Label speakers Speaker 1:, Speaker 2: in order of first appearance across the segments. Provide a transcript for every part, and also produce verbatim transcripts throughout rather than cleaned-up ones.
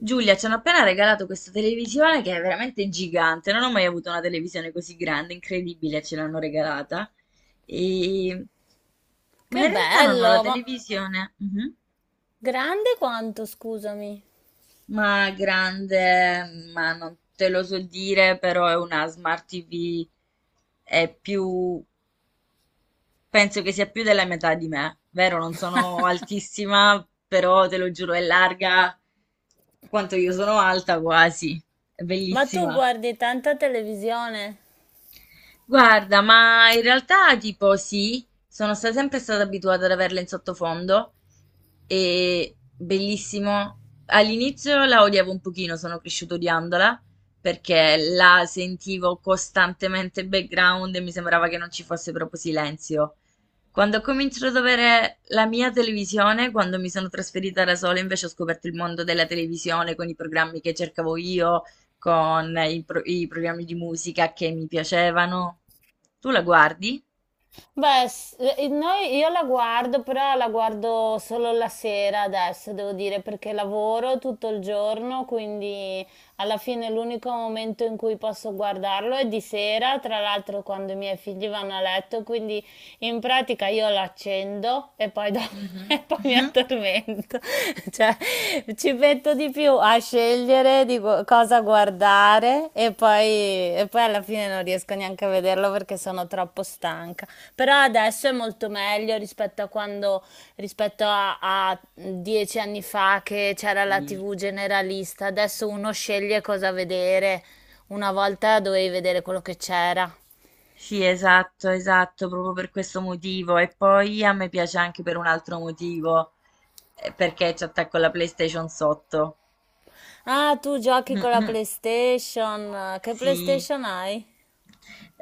Speaker 1: Giulia, ci hanno appena regalato questa televisione che è veramente gigante. Non ho mai avuto una televisione così grande, incredibile, ce l'hanno regalata. E... Ma
Speaker 2: Che
Speaker 1: in realtà non ho la
Speaker 2: bello, ma
Speaker 1: televisione. Mhm.
Speaker 2: grande quanto, scusami.
Speaker 1: Ma grande, ma non te lo so dire, però è una smart tivù, è più, penso che sia più della metà di me, vero? Non sono altissima, però te lo giuro, è larga quanto io sono alta quasi, è
Speaker 2: Ma tu
Speaker 1: bellissima.
Speaker 2: guardi tanta televisione?
Speaker 1: Guarda, ma in realtà tipo sì, sono sta- sempre stata abituata ad averla in sottofondo e bellissimo. All'inizio la odiavo un pochino, sono cresciuta odiandola perché la sentivo costantemente in background e mi sembrava che non ci fosse proprio silenzio. Quando ho cominciato ad avere la mia televisione, quando mi sono trasferita da sola, invece ho scoperto il mondo della televisione con i programmi che cercavo io con i, pro- i programmi di musica che mi piacevano. Tu la guardi?
Speaker 2: Beh, s- eh, noi- io la guardo, però la guardo solo la sera adesso, devo dire, perché lavoro tutto il giorno, quindi alla fine l'unico momento in cui posso guardarlo è di sera, tra l'altro quando i miei figli vanno a letto, quindi in pratica io l'accendo e poi, do- e
Speaker 1: Mhm.
Speaker 2: poi mi
Speaker 1: Mhm.
Speaker 2: addormento. Cioè, ci metto di più a scegliere di gu- cosa guardare e poi, e poi alla fine non riesco neanche a vederlo perché sono troppo stanca. Però adesso è molto meglio rispetto a quando, rispetto a, a dieci anni fa che c'era la
Speaker 1: Sì.
Speaker 2: T V generalista. Adesso uno sceglie cosa vedere. Una volta dovevi vedere quello che c'era.
Speaker 1: Sì, esatto, esatto, proprio per questo motivo. E poi a me piace anche per un altro motivo, eh, perché ci attacco la PlayStation sotto.
Speaker 2: Ah, tu giochi con la PlayStation. Che
Speaker 1: Sì.
Speaker 2: PlayStation hai?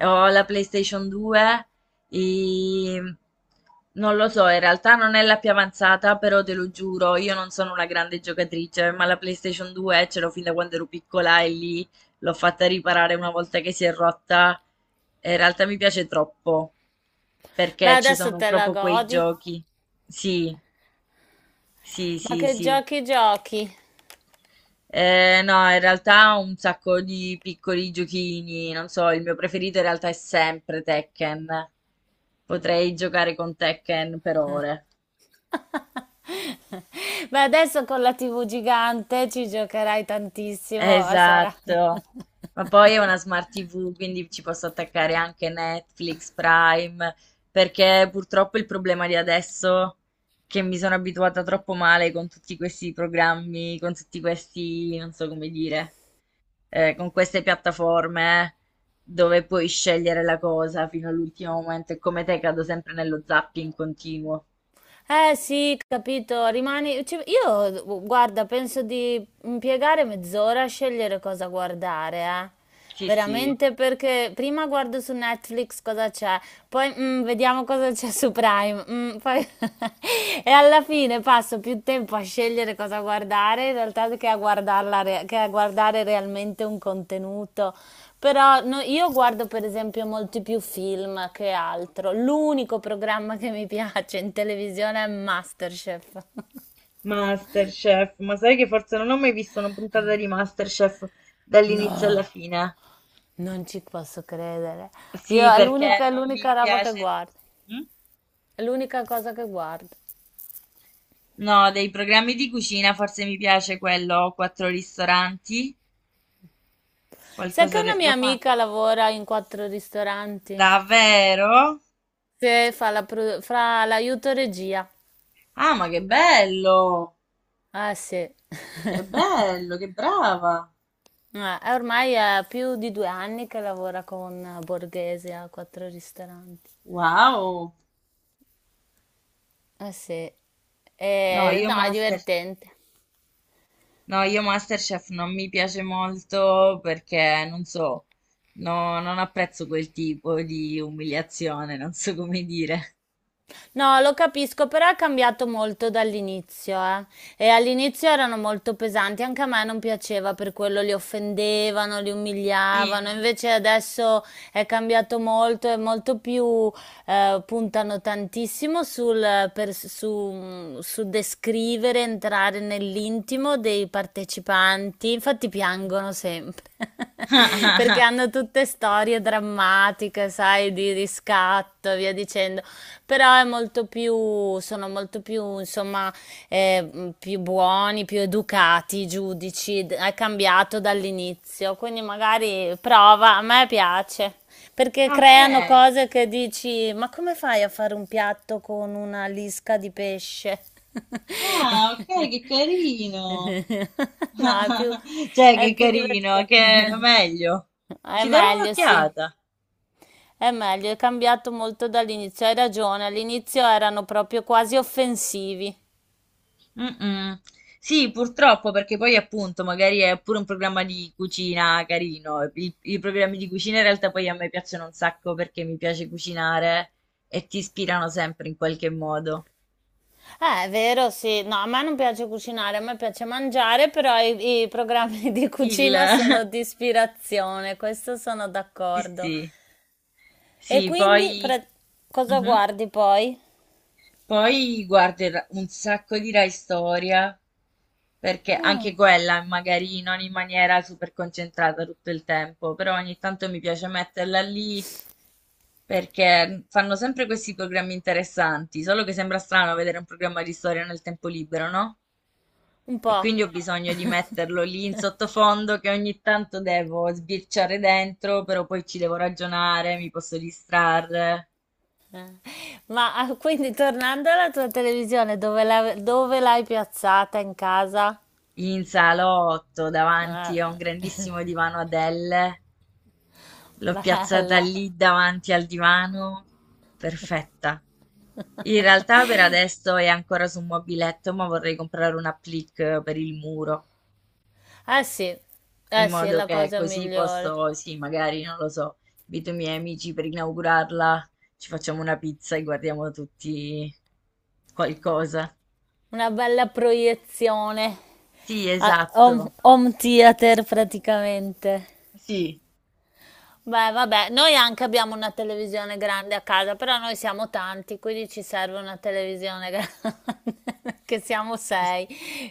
Speaker 1: Ho la PlayStation due e non lo so, in realtà non è la più avanzata, però te lo giuro, io non sono una grande giocatrice, ma la PlayStation due ce l'ho fin da quando ero piccola e lì l'ho fatta riparare una volta che si è rotta. E in realtà mi piace troppo,
Speaker 2: Beh,
Speaker 1: perché ci
Speaker 2: adesso
Speaker 1: sono
Speaker 2: te la
Speaker 1: proprio quei
Speaker 2: godi.
Speaker 1: giochi. Sì, sì,
Speaker 2: Ma
Speaker 1: sì,
Speaker 2: che
Speaker 1: sì.
Speaker 2: giochi giochi?
Speaker 1: Eh, no, in realtà ho un sacco di piccoli giochini, non so, il mio preferito in realtà è sempre Tekken. Potrei giocare con Tekken per ore.
Speaker 2: Beh, adesso con la T V gigante ci giocherai tantissimo. Sarà.
Speaker 1: Esatto. Ma poi è una smart tivù, quindi ci posso attaccare anche Netflix, Prime, perché purtroppo il problema di adesso è che mi sono abituata troppo male con tutti questi programmi, con tutti questi, non so come dire. Eh, con queste piattaforme eh, dove puoi scegliere la cosa fino all'ultimo momento e come te cado sempre nello zapping continuo.
Speaker 2: Eh sì, capito, rimani... ci- io, guarda, penso di impiegare mezz'ora a scegliere cosa guardare, eh.
Speaker 1: Sì, sì.
Speaker 2: Veramente perché prima guardo su Netflix cosa c'è, poi mm, vediamo cosa c'è su Prime, mm, poi- e alla fine passo più tempo a scegliere cosa guardare in realtà che a guardarla re- che a guardare realmente un contenuto. Però no- io guardo per esempio molti più film che altro. L'unico programma che mi piace in televisione è MasterChef.
Speaker 1: Masterchef, ma sai che forse non ho mai visto una puntata di Masterchef dall'inizio alla
Speaker 2: No,
Speaker 1: fine?
Speaker 2: non ci posso credere.
Speaker 1: Sì,
Speaker 2: Io è
Speaker 1: perché
Speaker 2: l'unica, è
Speaker 1: non
Speaker 2: l'unica
Speaker 1: mi
Speaker 2: roba che
Speaker 1: piace.
Speaker 2: guardo.
Speaker 1: Mm?
Speaker 2: È l'unica cosa che guardo.
Speaker 1: No, dei programmi di cucina forse mi piace quello Quattro ristoranti,
Speaker 2: Sai che
Speaker 1: qualcosa de-
Speaker 2: una
Speaker 1: lo
Speaker 2: mia amica
Speaker 1: fanno.
Speaker 2: lavora in quattro ristoranti?
Speaker 1: Davvero?
Speaker 2: Sì, fa la pro- fa l'aiuto regia.
Speaker 1: Ah, ma che bello!
Speaker 2: Ah sì.
Speaker 1: Che bello, che brava.
Speaker 2: Eh, Ormai è più di due anni che lavora con Borghese a quattro ristoranti.
Speaker 1: Wow.
Speaker 2: Eh sì,
Speaker 1: No,
Speaker 2: Eh,
Speaker 1: io
Speaker 2: no, è
Speaker 1: Master,
Speaker 2: divertente.
Speaker 1: no, io Masterchef non mi piace molto perché non so, no, non apprezzo quel tipo di umiliazione, non so come dire.
Speaker 2: No, lo capisco, però è cambiato molto dall'inizio, eh. E all'inizio erano molto pesanti, anche a me non piaceva, per quello li offendevano, li
Speaker 1: Sì.
Speaker 2: umiliavano. Invece adesso è cambiato molto, è molto più, eh, puntano tantissimo sul, per- su, su descrivere, entrare nell'intimo dei partecipanti. Infatti piangono sempre. Perché hanno tutte storie drammatiche, sai, di riscatto e via dicendo, però è molto più, sono molto più, insomma, eh, mh, più buoni, più educati i giudici, d- è cambiato dall'inizio, quindi magari prova, a me piace, perché
Speaker 1: Ok.
Speaker 2: creano cose che dici, ma come fai a fare un piatto con una lisca di pesce?
Speaker 1: Ah, ok, che carino.
Speaker 2: No, è più,
Speaker 1: Cioè,
Speaker 2: è
Speaker 1: che
Speaker 2: più
Speaker 1: carino,
Speaker 2: divertente.
Speaker 1: che meglio.
Speaker 2: È
Speaker 1: Ci darò
Speaker 2: meglio, sì.
Speaker 1: un'occhiata.
Speaker 2: È meglio, è cambiato molto dall'inizio. Hai ragione, all'inizio erano proprio quasi offensivi.
Speaker 1: Mm-mm. Sì, purtroppo, perché poi appunto magari è pure un programma di cucina carino. I, I programmi di cucina in realtà poi a me piacciono un sacco perché mi piace cucinare e ti ispirano sempre in qualche modo.
Speaker 2: Eh, è vero, sì. No, a me non piace cucinare, a me piace mangiare, però i, i programmi di
Speaker 1: Il...
Speaker 2: cucina sono di ispirazione, questo sono
Speaker 1: Sì,
Speaker 2: d'accordo.
Speaker 1: sì,
Speaker 2: E
Speaker 1: sì,
Speaker 2: quindi,
Speaker 1: poi...
Speaker 2: pre- cosa
Speaker 1: Mhm.
Speaker 2: guardi poi?
Speaker 1: Poi guardo un sacco di Rai Storia, perché
Speaker 2: Mm,
Speaker 1: anche quella magari non in maniera super concentrata tutto il tempo, però ogni tanto mi piace metterla lì perché fanno sempre questi programmi interessanti, solo che sembra strano vedere un programma di storia nel tempo libero, no?
Speaker 2: un
Speaker 1: E
Speaker 2: po'.
Speaker 1: quindi ho bisogno di metterlo lì in sottofondo che ogni tanto devo sbirciare dentro, però poi ci devo ragionare, mi posso distrarre.
Speaker 2: Eh. Ma ah, quindi tornando alla tua televisione, dove la- dove l'hai piazzata in casa?
Speaker 1: In salotto, davanti a
Speaker 2: Ah,
Speaker 1: un grandissimo divano Adele. L'ho piazzata
Speaker 2: bello.
Speaker 1: lì davanti al divano. Perfetta. In realtà per adesso è ancora su un mobiletto, ma vorrei comprare un applique per il muro,
Speaker 2: Eh sì,
Speaker 1: in
Speaker 2: eh sì, è
Speaker 1: modo
Speaker 2: la
Speaker 1: che
Speaker 2: cosa
Speaker 1: così
Speaker 2: migliore.
Speaker 1: posso, sì, magari, non lo so, invito i miei amici per inaugurarla, ci facciamo una pizza e guardiamo tutti qualcosa.
Speaker 2: Una bella proiezione.
Speaker 1: Sì,
Speaker 2: Ah, home
Speaker 1: esatto.
Speaker 2: home theater praticamente.
Speaker 1: Sì.
Speaker 2: Beh, vabbè, noi anche abbiamo una televisione grande a casa, però noi siamo tanti, quindi ci serve una televisione grande, che siamo sei.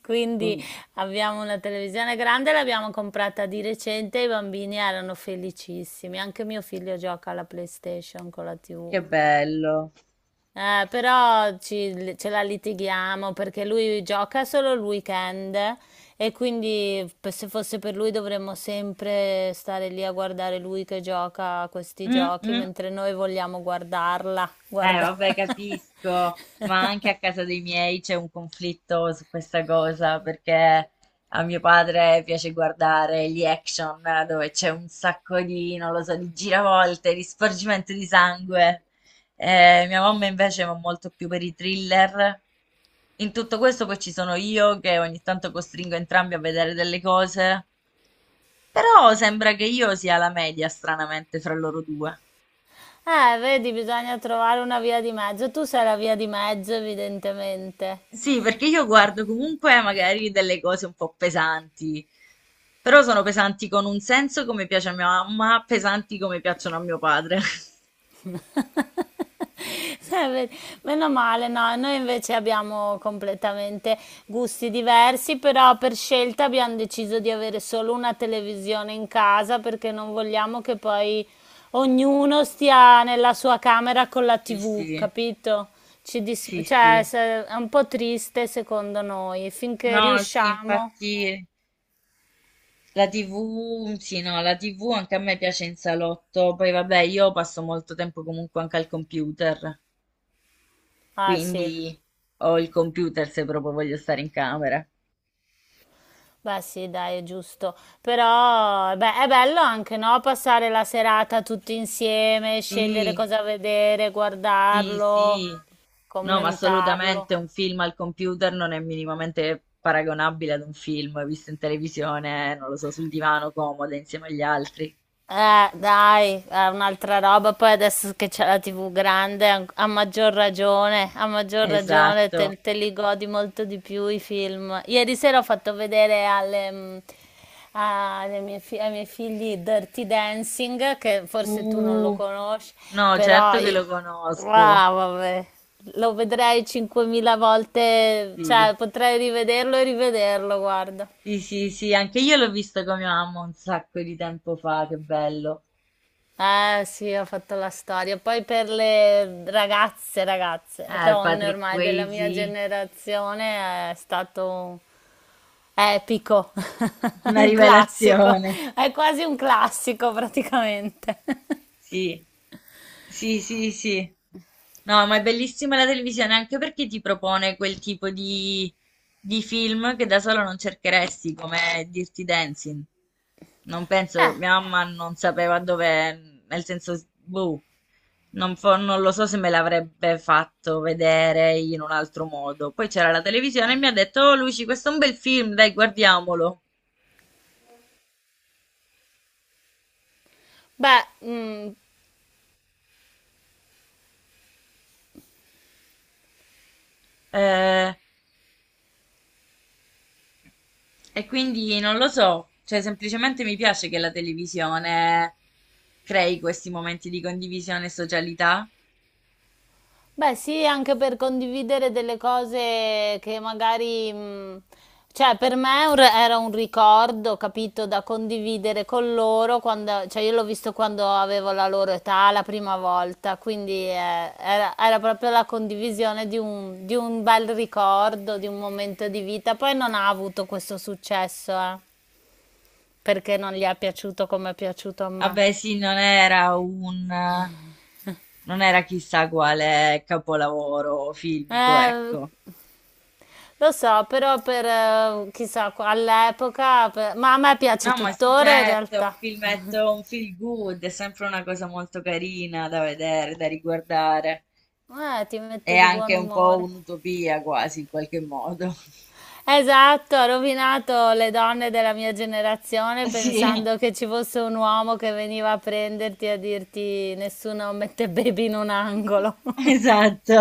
Speaker 2: Quindi
Speaker 1: Ci-
Speaker 2: abbiamo una televisione grande, l'abbiamo comprata di recente, i bambini erano felicissimi. Anche mio figlio gioca alla PlayStation con la tivù.
Speaker 1: Che bello.
Speaker 2: Eh, però ci- ce la litighiamo perché lui gioca solo il weekend e quindi p- se fosse per lui dovremmo sempre stare lì a guardare lui che gioca a questi
Speaker 1: Mm,
Speaker 2: giochi
Speaker 1: mm.
Speaker 2: mentre noi vogliamo guardarla.
Speaker 1: Eh,
Speaker 2: Guarda.
Speaker 1: vabbè, capisco, ma anche a casa dei miei c'è un conflitto su questa cosa perché a mio padre piace guardare gli action eh, dove c'è un sacco di, non lo so, di giravolte, di sporgimento di sangue. Eh, mia mamma invece va molto più per i thriller. In tutto questo poi ci sono io che ogni tanto costringo entrambi a vedere delle cose, però sembra che io sia la media, stranamente, fra loro due.
Speaker 2: Eh, vedi, bisogna trovare una via di mezzo. Tu sei la via di mezzo, evidentemente.
Speaker 1: Sì, perché io guardo comunque magari delle cose un po' pesanti, però sono pesanti con un senso come piace a mia mamma, pesanti come piacciono a mio padre.
Speaker 2: Sai, ve- Meno male, no, noi invece abbiamo completamente gusti diversi, però per scelta abbiamo deciso di avere solo una televisione in casa perché non vogliamo che poi ognuno stia nella sua camera con la
Speaker 1: Sì,
Speaker 2: T V,
Speaker 1: sì,
Speaker 2: capito? Ci dis-
Speaker 1: sì,
Speaker 2: cioè,
Speaker 1: sì.
Speaker 2: se- è un po' triste secondo noi, finché
Speaker 1: No, sì,
Speaker 2: riusciamo.
Speaker 1: infatti la tivù, sì, no, la tivù anche a me piace in salotto, poi vabbè, io passo molto tempo comunque anche al computer,
Speaker 2: Ah, sì.
Speaker 1: quindi ho il computer se proprio voglio stare in camera.
Speaker 2: Beh, sì, dai, è giusto. Però, beh, è bello anche, no? Passare la serata tutti insieme, scegliere
Speaker 1: Sì.
Speaker 2: cosa vedere,
Speaker 1: Sì,
Speaker 2: guardarlo,
Speaker 1: sì, no, ma
Speaker 2: commentarlo.
Speaker 1: assolutamente un film al computer non è minimamente paragonabile ad un film visto in televisione, non lo so, sul divano comoda insieme agli altri.
Speaker 2: Eh, dai, è un'altra roba. Poi adesso che c'è la T V grande, an- a maggior ragione, a maggior ragione
Speaker 1: Esatto.
Speaker 2: te, te li godi molto di più i film. Ieri sera ho fatto vedere alle, mm, alle mie fi- ai miei figli Dirty Dancing, che forse tu non lo
Speaker 1: Uh,
Speaker 2: conosci,
Speaker 1: no,
Speaker 2: però
Speaker 1: certo che
Speaker 2: io-
Speaker 1: lo conosco.
Speaker 2: ah, vabbè, lo vedrei cinquemila volte,
Speaker 1: Sì,
Speaker 2: cioè potrei rivederlo e rivederlo, guarda.
Speaker 1: sì, sì, sì, anche io l'ho visto con mia mamma un sacco di tempo fa, che bello.
Speaker 2: Eh sì, ho fatto la storia. Poi per le ragazze, ragazze,
Speaker 1: Eh,
Speaker 2: donne
Speaker 1: Patrick
Speaker 2: ormai della mia
Speaker 1: Swayze,
Speaker 2: generazione è stato epico,
Speaker 1: una
Speaker 2: un classico,
Speaker 1: rivelazione.
Speaker 2: è quasi un classico praticamente.
Speaker 1: Sì, sì, sì, sì. No, ma è bellissima la televisione anche perché ti propone quel tipo di, di film che da solo non cercheresti, come Dirty Dancing. Non penso,
Speaker 2: Eh,
Speaker 1: mia mamma non sapeva dove, nel senso, boh, non, fo- non lo so se me l'avrebbe fatto vedere in un altro modo. Poi c'era la televisione e mi ha detto, oh Luci, questo è un bel film, dai, guardiamolo.
Speaker 2: beh, mm,
Speaker 1: Eh, E quindi non lo so, cioè semplicemente mi piace che la televisione crei questi momenti di condivisione e socialità.
Speaker 2: beh, sì, anche per condividere delle cose che magari, mh, cioè per me è un re- era un ricordo, capito, da condividere con loro quando, cioè io l'ho visto quando avevo la loro età la prima volta, quindi eh, era, era proprio la condivisione di un, di un bel ricordo, di un momento di vita. Poi non ha avuto questo successo, eh, perché non gli è piaciuto come è piaciuto a me.
Speaker 1: Vabbè, sì, non era un, non era chissà quale capolavoro filmico,
Speaker 2: Eh,
Speaker 1: ecco.
Speaker 2: Lo so, però per eh, chissà, all'epoca, per- ma a me piace
Speaker 1: No, ma sì,
Speaker 2: tuttora in
Speaker 1: certo, è un
Speaker 2: realtà.
Speaker 1: filmetto, un feel good, è sempre una cosa molto carina da vedere, da riguardare.
Speaker 2: Eh, ti
Speaker 1: È
Speaker 2: mette di buon
Speaker 1: anche un po'
Speaker 2: umore.
Speaker 1: un'utopia quasi, in qualche modo.
Speaker 2: Esatto, ha rovinato le donne della mia generazione
Speaker 1: Sì,
Speaker 2: pensando che ci fosse un uomo che veniva a prenderti e a dirti nessuno mette baby in un angolo.
Speaker 1: esatto.